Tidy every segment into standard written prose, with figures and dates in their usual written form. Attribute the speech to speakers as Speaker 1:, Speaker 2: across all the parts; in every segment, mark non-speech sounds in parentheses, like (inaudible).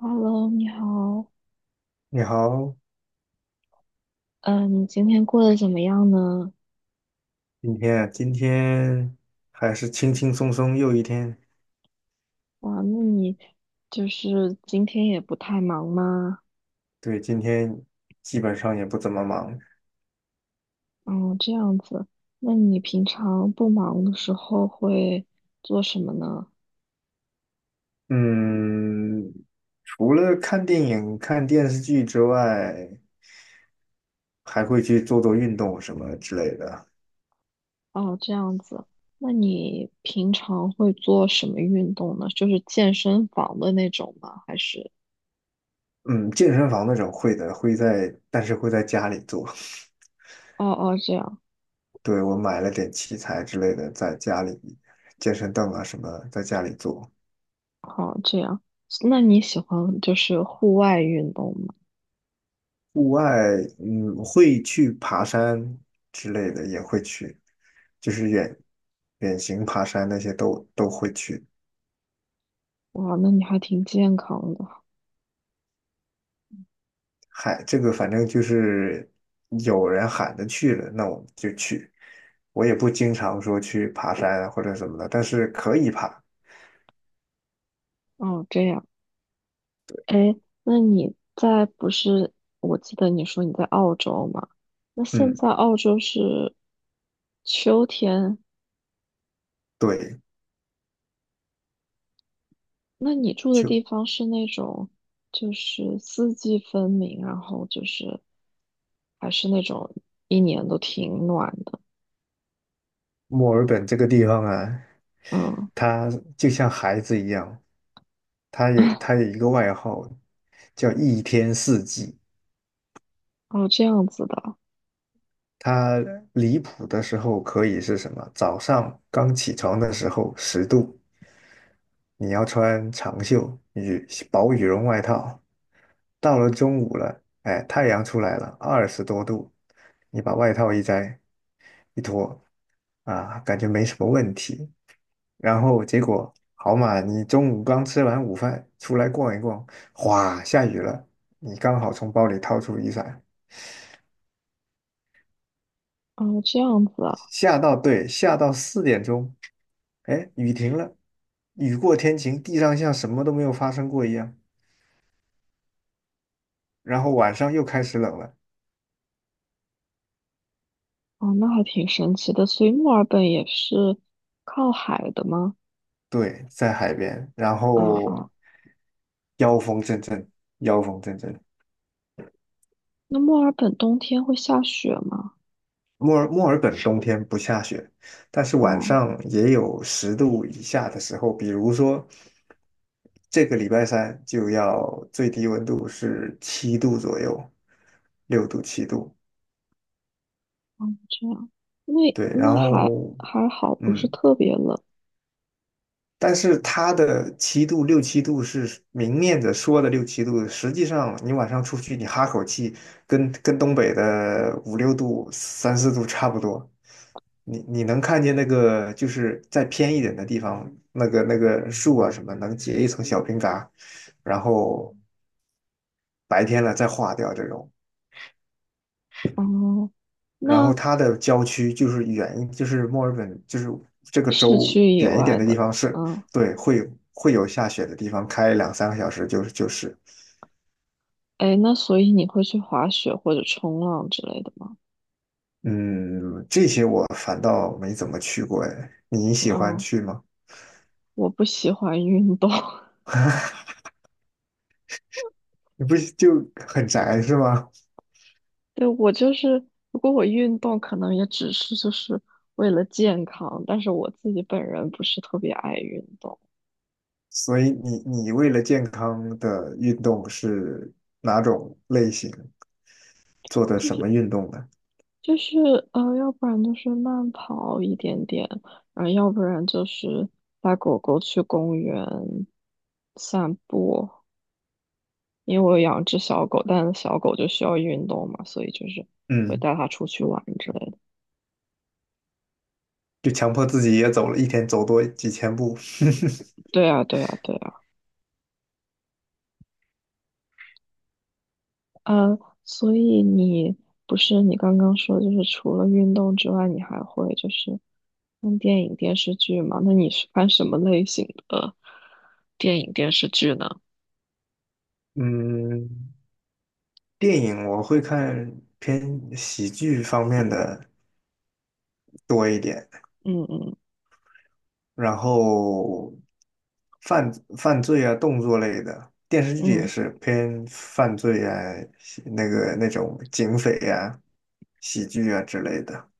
Speaker 1: Hello，你好，
Speaker 2: 你好，
Speaker 1: 嗯，你今天过得怎么样呢？
Speaker 2: 今天还是轻轻松松又一天。
Speaker 1: 哇，那你今天也不太忙吗？
Speaker 2: 对，今天基本上也不怎么忙。
Speaker 1: 哦，这样子，那你平常不忙的时候会做什么呢？
Speaker 2: 嗯，除了看电影、看电视剧之外，还会去做做运动什么之类的。
Speaker 1: 哦，这样子，那你平常会做什么运动呢？就是健身房的那种吗？还是？
Speaker 2: 嗯，健身房那种会的，会在，但是会在家里做。
Speaker 1: 哦哦，这样，
Speaker 2: 对，我买了点器材之类的，在家里健身凳啊什么，在家里做。
Speaker 1: 好，这样，那你喜欢户外运动吗？
Speaker 2: 户外，嗯，会去爬山之类的，也会去，就是远行爬山那些都会去。
Speaker 1: 哇，那你还挺健康的。
Speaker 2: 嗨，这个反正就是有人喊着去了，那我们就去。我也不经常说去爬山啊或者什么的，但是可以爬。
Speaker 1: 哦，这样。哎，那你在不是？我记得你说你在澳洲嘛？那现
Speaker 2: 嗯，
Speaker 1: 在澳洲是秋天，
Speaker 2: 对，
Speaker 1: 那你住的
Speaker 2: 就
Speaker 1: 地方是那种四季分明，然后还是那种一年都挺暖的，
Speaker 2: 墨尔本这个地方啊，
Speaker 1: 嗯，
Speaker 2: 它就像孩子一样，它有
Speaker 1: (laughs)
Speaker 2: 它有一个外号叫一天四季。
Speaker 1: 哦，这样子的，
Speaker 2: 它离谱的时候可以是什么？早上刚起床的时候十度，你要穿长袖薄羽绒外套。到了中午了，哎，太阳出来了，二十多度，你把外套一摘一脱，啊，感觉没什么问题。然后结果好嘛，你中午刚吃完午饭出来逛一逛，哗，下雨了，你刚好从包里掏出雨伞。
Speaker 1: 哦，这样子啊，
Speaker 2: 对，下到四点钟，哎，雨停了，雨过天晴，地上像什么都没有发生过一样。然后晚上又开始冷了，
Speaker 1: 哦，那还挺神奇的。所以墨尔本也是靠海的吗？
Speaker 2: 对，在海边，然
Speaker 1: 啊
Speaker 2: 后
Speaker 1: 啊，
Speaker 2: 妖风阵阵，妖风阵阵。
Speaker 1: 那墨尔本冬天会下雪吗？
Speaker 2: 墨尔本冬天不下雪，但是晚
Speaker 1: 哦。
Speaker 2: 上也有十度以下的时候，比如说这个礼拜三就要最低温度是七度左右，六度七度。
Speaker 1: 哦，这样，那
Speaker 2: 对，然
Speaker 1: 还
Speaker 2: 后
Speaker 1: 好，不是
Speaker 2: 嗯，
Speaker 1: 特别冷。
Speaker 2: 但是它的七度六七度是明面的说的六七度，实际上你晚上出去你哈口气，跟东北的五六度、三四度差不多。你能看见那个就是再偏一点的地方，那个树啊什么能结一层小冰嘎，然后白天了再化掉这种。
Speaker 1: 哦，
Speaker 2: 然后
Speaker 1: 那
Speaker 2: 它的郊区就是远，就是墨尔本，就是这个
Speaker 1: 市区
Speaker 2: 州
Speaker 1: 以
Speaker 2: 远一
Speaker 1: 外
Speaker 2: 点的地
Speaker 1: 的，
Speaker 2: 方是，
Speaker 1: 嗯，
Speaker 2: 对，会有下雪的地方，开两三个小时就是，
Speaker 1: 哎，那所以你会去滑雪或者冲浪之类的吗？
Speaker 2: 嗯，这些我反倒没怎么去过，哎，你喜欢
Speaker 1: 嗯，
Speaker 2: 去吗？
Speaker 1: 我不喜欢运动，(laughs)
Speaker 2: 你不是就很宅是吗？
Speaker 1: 对，我就是，如果我运动，可能也只是为了健康，但是我自己本人不是特别爱运动。
Speaker 2: 所以你为了健康的运动是哪种类型？做的什么运动呢？
Speaker 1: 就是要不然就是慢跑一点点，然后要不然就是带狗狗去公园散步。因为我有养只小狗，但是小狗就需要运动嘛，所以会
Speaker 2: 嗯，
Speaker 1: 带它出去玩之类的。
Speaker 2: 就强迫自己也走了一天，走多几千步。
Speaker 1: 对啊，对啊，对啊，呃，所以你不是你刚刚说，除了运动之外，你还会看电影、电视剧吗？那你是看什么类型的电影、电视剧呢？
Speaker 2: (laughs) 嗯，电影我会看偏喜剧方面的多一点，
Speaker 1: 嗯嗯
Speaker 2: 然后犯犯罪啊、动作类的电视剧也
Speaker 1: 嗯。
Speaker 2: 是偏犯罪啊、那个那种警匪啊、喜剧啊之类的。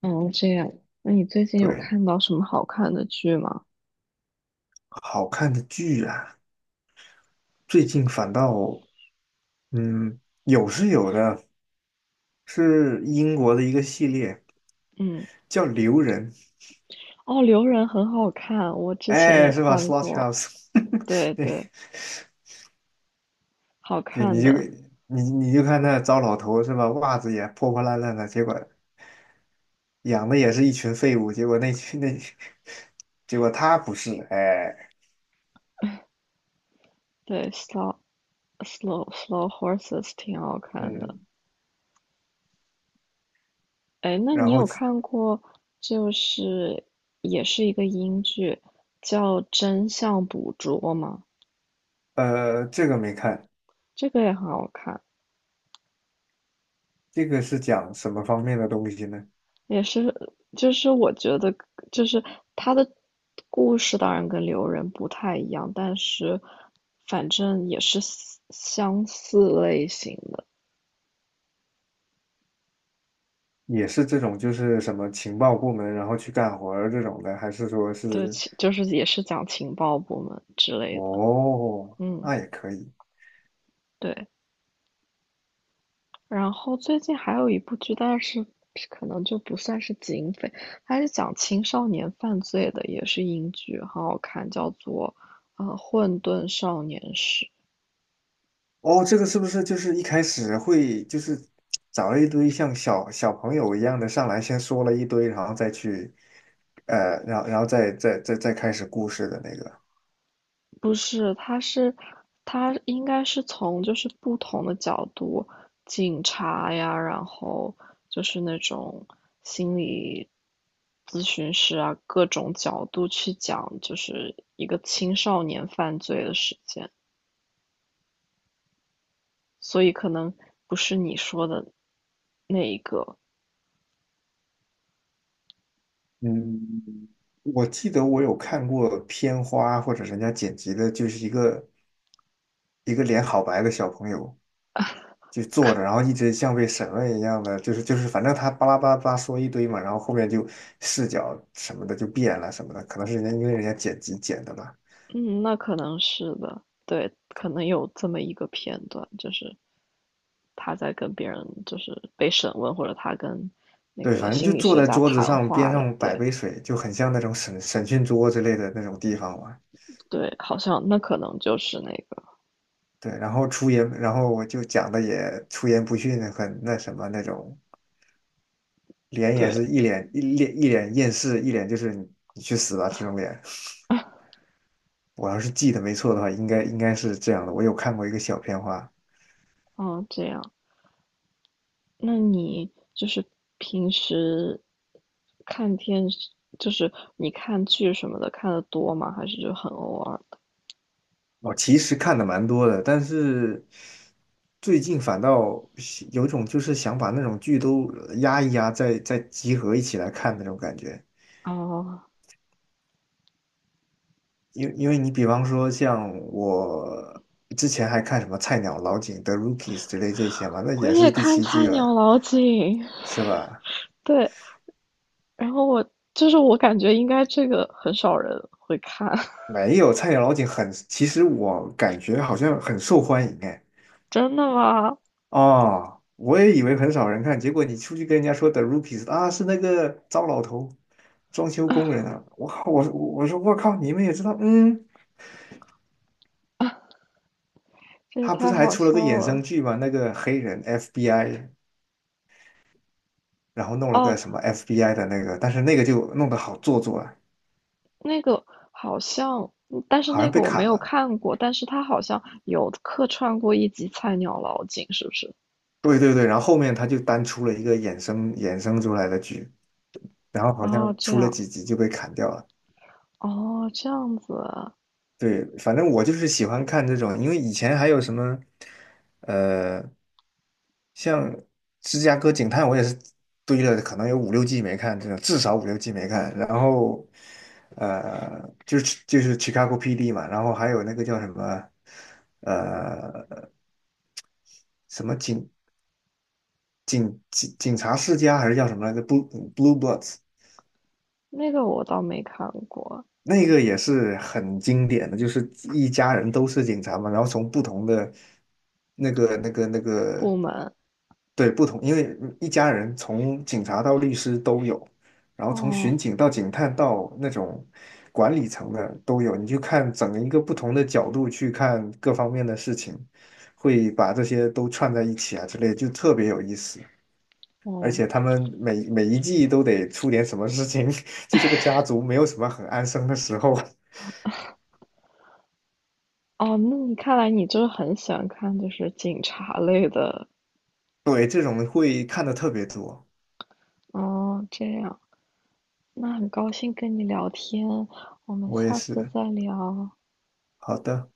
Speaker 1: 哦，这样。那你最近有
Speaker 2: 对，
Speaker 1: 看到什么好看的剧吗？
Speaker 2: 好看的剧啊，最近反倒嗯有是有的，是英国的一个系列
Speaker 1: 嗯，
Speaker 2: 叫《留人》，
Speaker 1: 哦，《留人》很好看，我之前
Speaker 2: 哎，
Speaker 1: 也
Speaker 2: 是吧
Speaker 1: 看
Speaker 2: s l o t h o
Speaker 1: 过。
Speaker 2: u s
Speaker 1: 对
Speaker 2: e (laughs)
Speaker 1: 对，好
Speaker 2: 对，你
Speaker 1: 看
Speaker 2: 就
Speaker 1: 的。
Speaker 2: 你你就看那糟老头是吧？袜子也破破烂烂的，结果养的也是一群废物，结果那群那，(laughs) 结果他不是，哎，
Speaker 1: 对，Slow Slow Horses 挺好看的。
Speaker 2: 嗯，
Speaker 1: 哎，那
Speaker 2: 然
Speaker 1: 你
Speaker 2: 后
Speaker 1: 有看过，就是也是一个英剧，叫《真相捕捉》吗？
Speaker 2: 呃，这个没看，
Speaker 1: 这个也很好看。
Speaker 2: 这个是讲什么方面的东西呢？
Speaker 1: 也是，就是我觉得，就是他的故事当然跟刘仁不太一样，但是反正也是相似类型的，
Speaker 2: 也是这种就是什么情报部门然后去干活儿这种的，还是说
Speaker 1: 对，
Speaker 2: 是
Speaker 1: 其就是也是讲情报部门之类的，
Speaker 2: 哦，
Speaker 1: 嗯，
Speaker 2: 那也可以。
Speaker 1: 对。然后最近还有一部剧，但是可能就不算是警匪，它是讲青少年犯罪的，也是英剧，很好看，叫做《混沌少年史》。
Speaker 2: 哦，这个是不是就是一开始会就是找了一堆像小朋友一样的上来，先说了一堆，然后再去，然后再开始故事的那个？
Speaker 1: 不是，他应该是从不同的角度，警察呀，然后就是那种心理咨询师啊，各种角度去讲，就是一个青少年犯罪的事件，所以可能不是你说的那一个，
Speaker 2: 嗯，我记得我有看过片花或者人家剪辑的，就是一个脸好白的小朋友就坐着，然后一直像被审问一样的，就是反正他巴拉巴拉巴拉说一堆嘛，然后后面就视角什么的就变了什么的，可能是人家因为人家剪辑剪的吧。
Speaker 1: 嗯，那可能是的，对，可能有这么一个片段，就是他在跟别人被审问，或者他跟那
Speaker 2: 对，
Speaker 1: 个
Speaker 2: 反正就
Speaker 1: 心理
Speaker 2: 坐
Speaker 1: 学
Speaker 2: 在
Speaker 1: 家
Speaker 2: 桌子
Speaker 1: 谈
Speaker 2: 上，
Speaker 1: 话
Speaker 2: 边
Speaker 1: 了。
Speaker 2: 上摆
Speaker 1: 对
Speaker 2: 杯水，就很像那种审讯桌之类的那种地方嘛。
Speaker 1: 对，好像那可能就是那个
Speaker 2: 对，然后出言，然后我就讲的也出言不逊，很那什么那种，脸也
Speaker 1: 对，
Speaker 2: 是一脸厌世，一脸就是你去死吧这种脸。我要是记得没错的话，应该是这样的。我有看过一个小片花，
Speaker 1: 嗯，这样。那你平时看电视，你看剧什么的看的多吗？还是就很偶尔的？
Speaker 2: 我其实看的蛮多的，但是最近反倒有一种就是想把那种剧都压一压，再集合一起来看那种感觉。
Speaker 1: 哦，
Speaker 2: 因为你比方说像我之前还看什么菜鸟老井的 Rookies 之类这些嘛，那
Speaker 1: 我
Speaker 2: 也
Speaker 1: 也
Speaker 2: 是第
Speaker 1: 看
Speaker 2: 七
Speaker 1: 菜
Speaker 2: 季
Speaker 1: 鸟
Speaker 2: 了，
Speaker 1: 老警，
Speaker 2: 是吧？
Speaker 1: (laughs) 对，然后我就是我感觉应该这个很少人会看，(laughs)
Speaker 2: 没有菜鸟老井很，其实我感觉好像很受欢迎哎。
Speaker 1: 真的吗？
Speaker 2: 哦，我也以为很少人看，结果你出去跟人家说的 Rookies 啊，是那个糟老头，装修工人啊！我靠，我说我靠，你们也知道，
Speaker 1: 这也
Speaker 2: 他不
Speaker 1: 太
Speaker 2: 是还
Speaker 1: 好
Speaker 2: 出了
Speaker 1: 笑
Speaker 2: 个衍生
Speaker 1: 了。
Speaker 2: 剧嘛，那个黑人 FBI。然后弄了
Speaker 1: 哦，
Speaker 2: 个什么 FBI 的那个，但是那个就弄得好做作，啊。
Speaker 1: 那个好像，嗯但是
Speaker 2: 好
Speaker 1: 那
Speaker 2: 像
Speaker 1: 个
Speaker 2: 被
Speaker 1: 我没
Speaker 2: 砍
Speaker 1: 有
Speaker 2: 了。
Speaker 1: 看过，但是他好像有客串过一集《菜鸟老警》，是不是？
Speaker 2: 对对对，然后后面他就单出了一个衍生出来的剧，然后好
Speaker 1: 哦，
Speaker 2: 像
Speaker 1: 这
Speaker 2: 出了
Speaker 1: 样，
Speaker 2: 几集就被砍掉了。
Speaker 1: 哦，这样子啊
Speaker 2: 对，反正我就是喜欢看这种，因为以前还有什么，呃，像《芝加哥警探》，我也是堆了可能有五六季没看，这种至少五六季没看。然后，就是 Chicago PD 嘛，然后还有那个叫什么，呃，什么警察世家还是叫什么来着？Blue Blods
Speaker 1: 那个我倒没看过。
Speaker 2: 那个也是很经典的，就是一家人都是警察嘛，然后从不同的那个，
Speaker 1: 部门，
Speaker 2: 对，不同，因为一家人从警察到律师都有，然后从
Speaker 1: 哦，
Speaker 2: 巡警到警探到那种管理层的都有，你就看整一个不同的角度去看各方面的事情，会把这些都串在一起啊之类的，就特别有意思。而
Speaker 1: 哦，
Speaker 2: 且他们每一季都得出点什么事情，(laughs) 就这个家族没有什么很安生的时候。
Speaker 1: 哦，那你看来你就是很喜欢看警察类的，
Speaker 2: 对，这种会看的特别多，
Speaker 1: 哦，这样，那很高兴跟你聊天，我们
Speaker 2: 我也
Speaker 1: 下次
Speaker 2: 是。
Speaker 1: 再聊。
Speaker 2: 好的。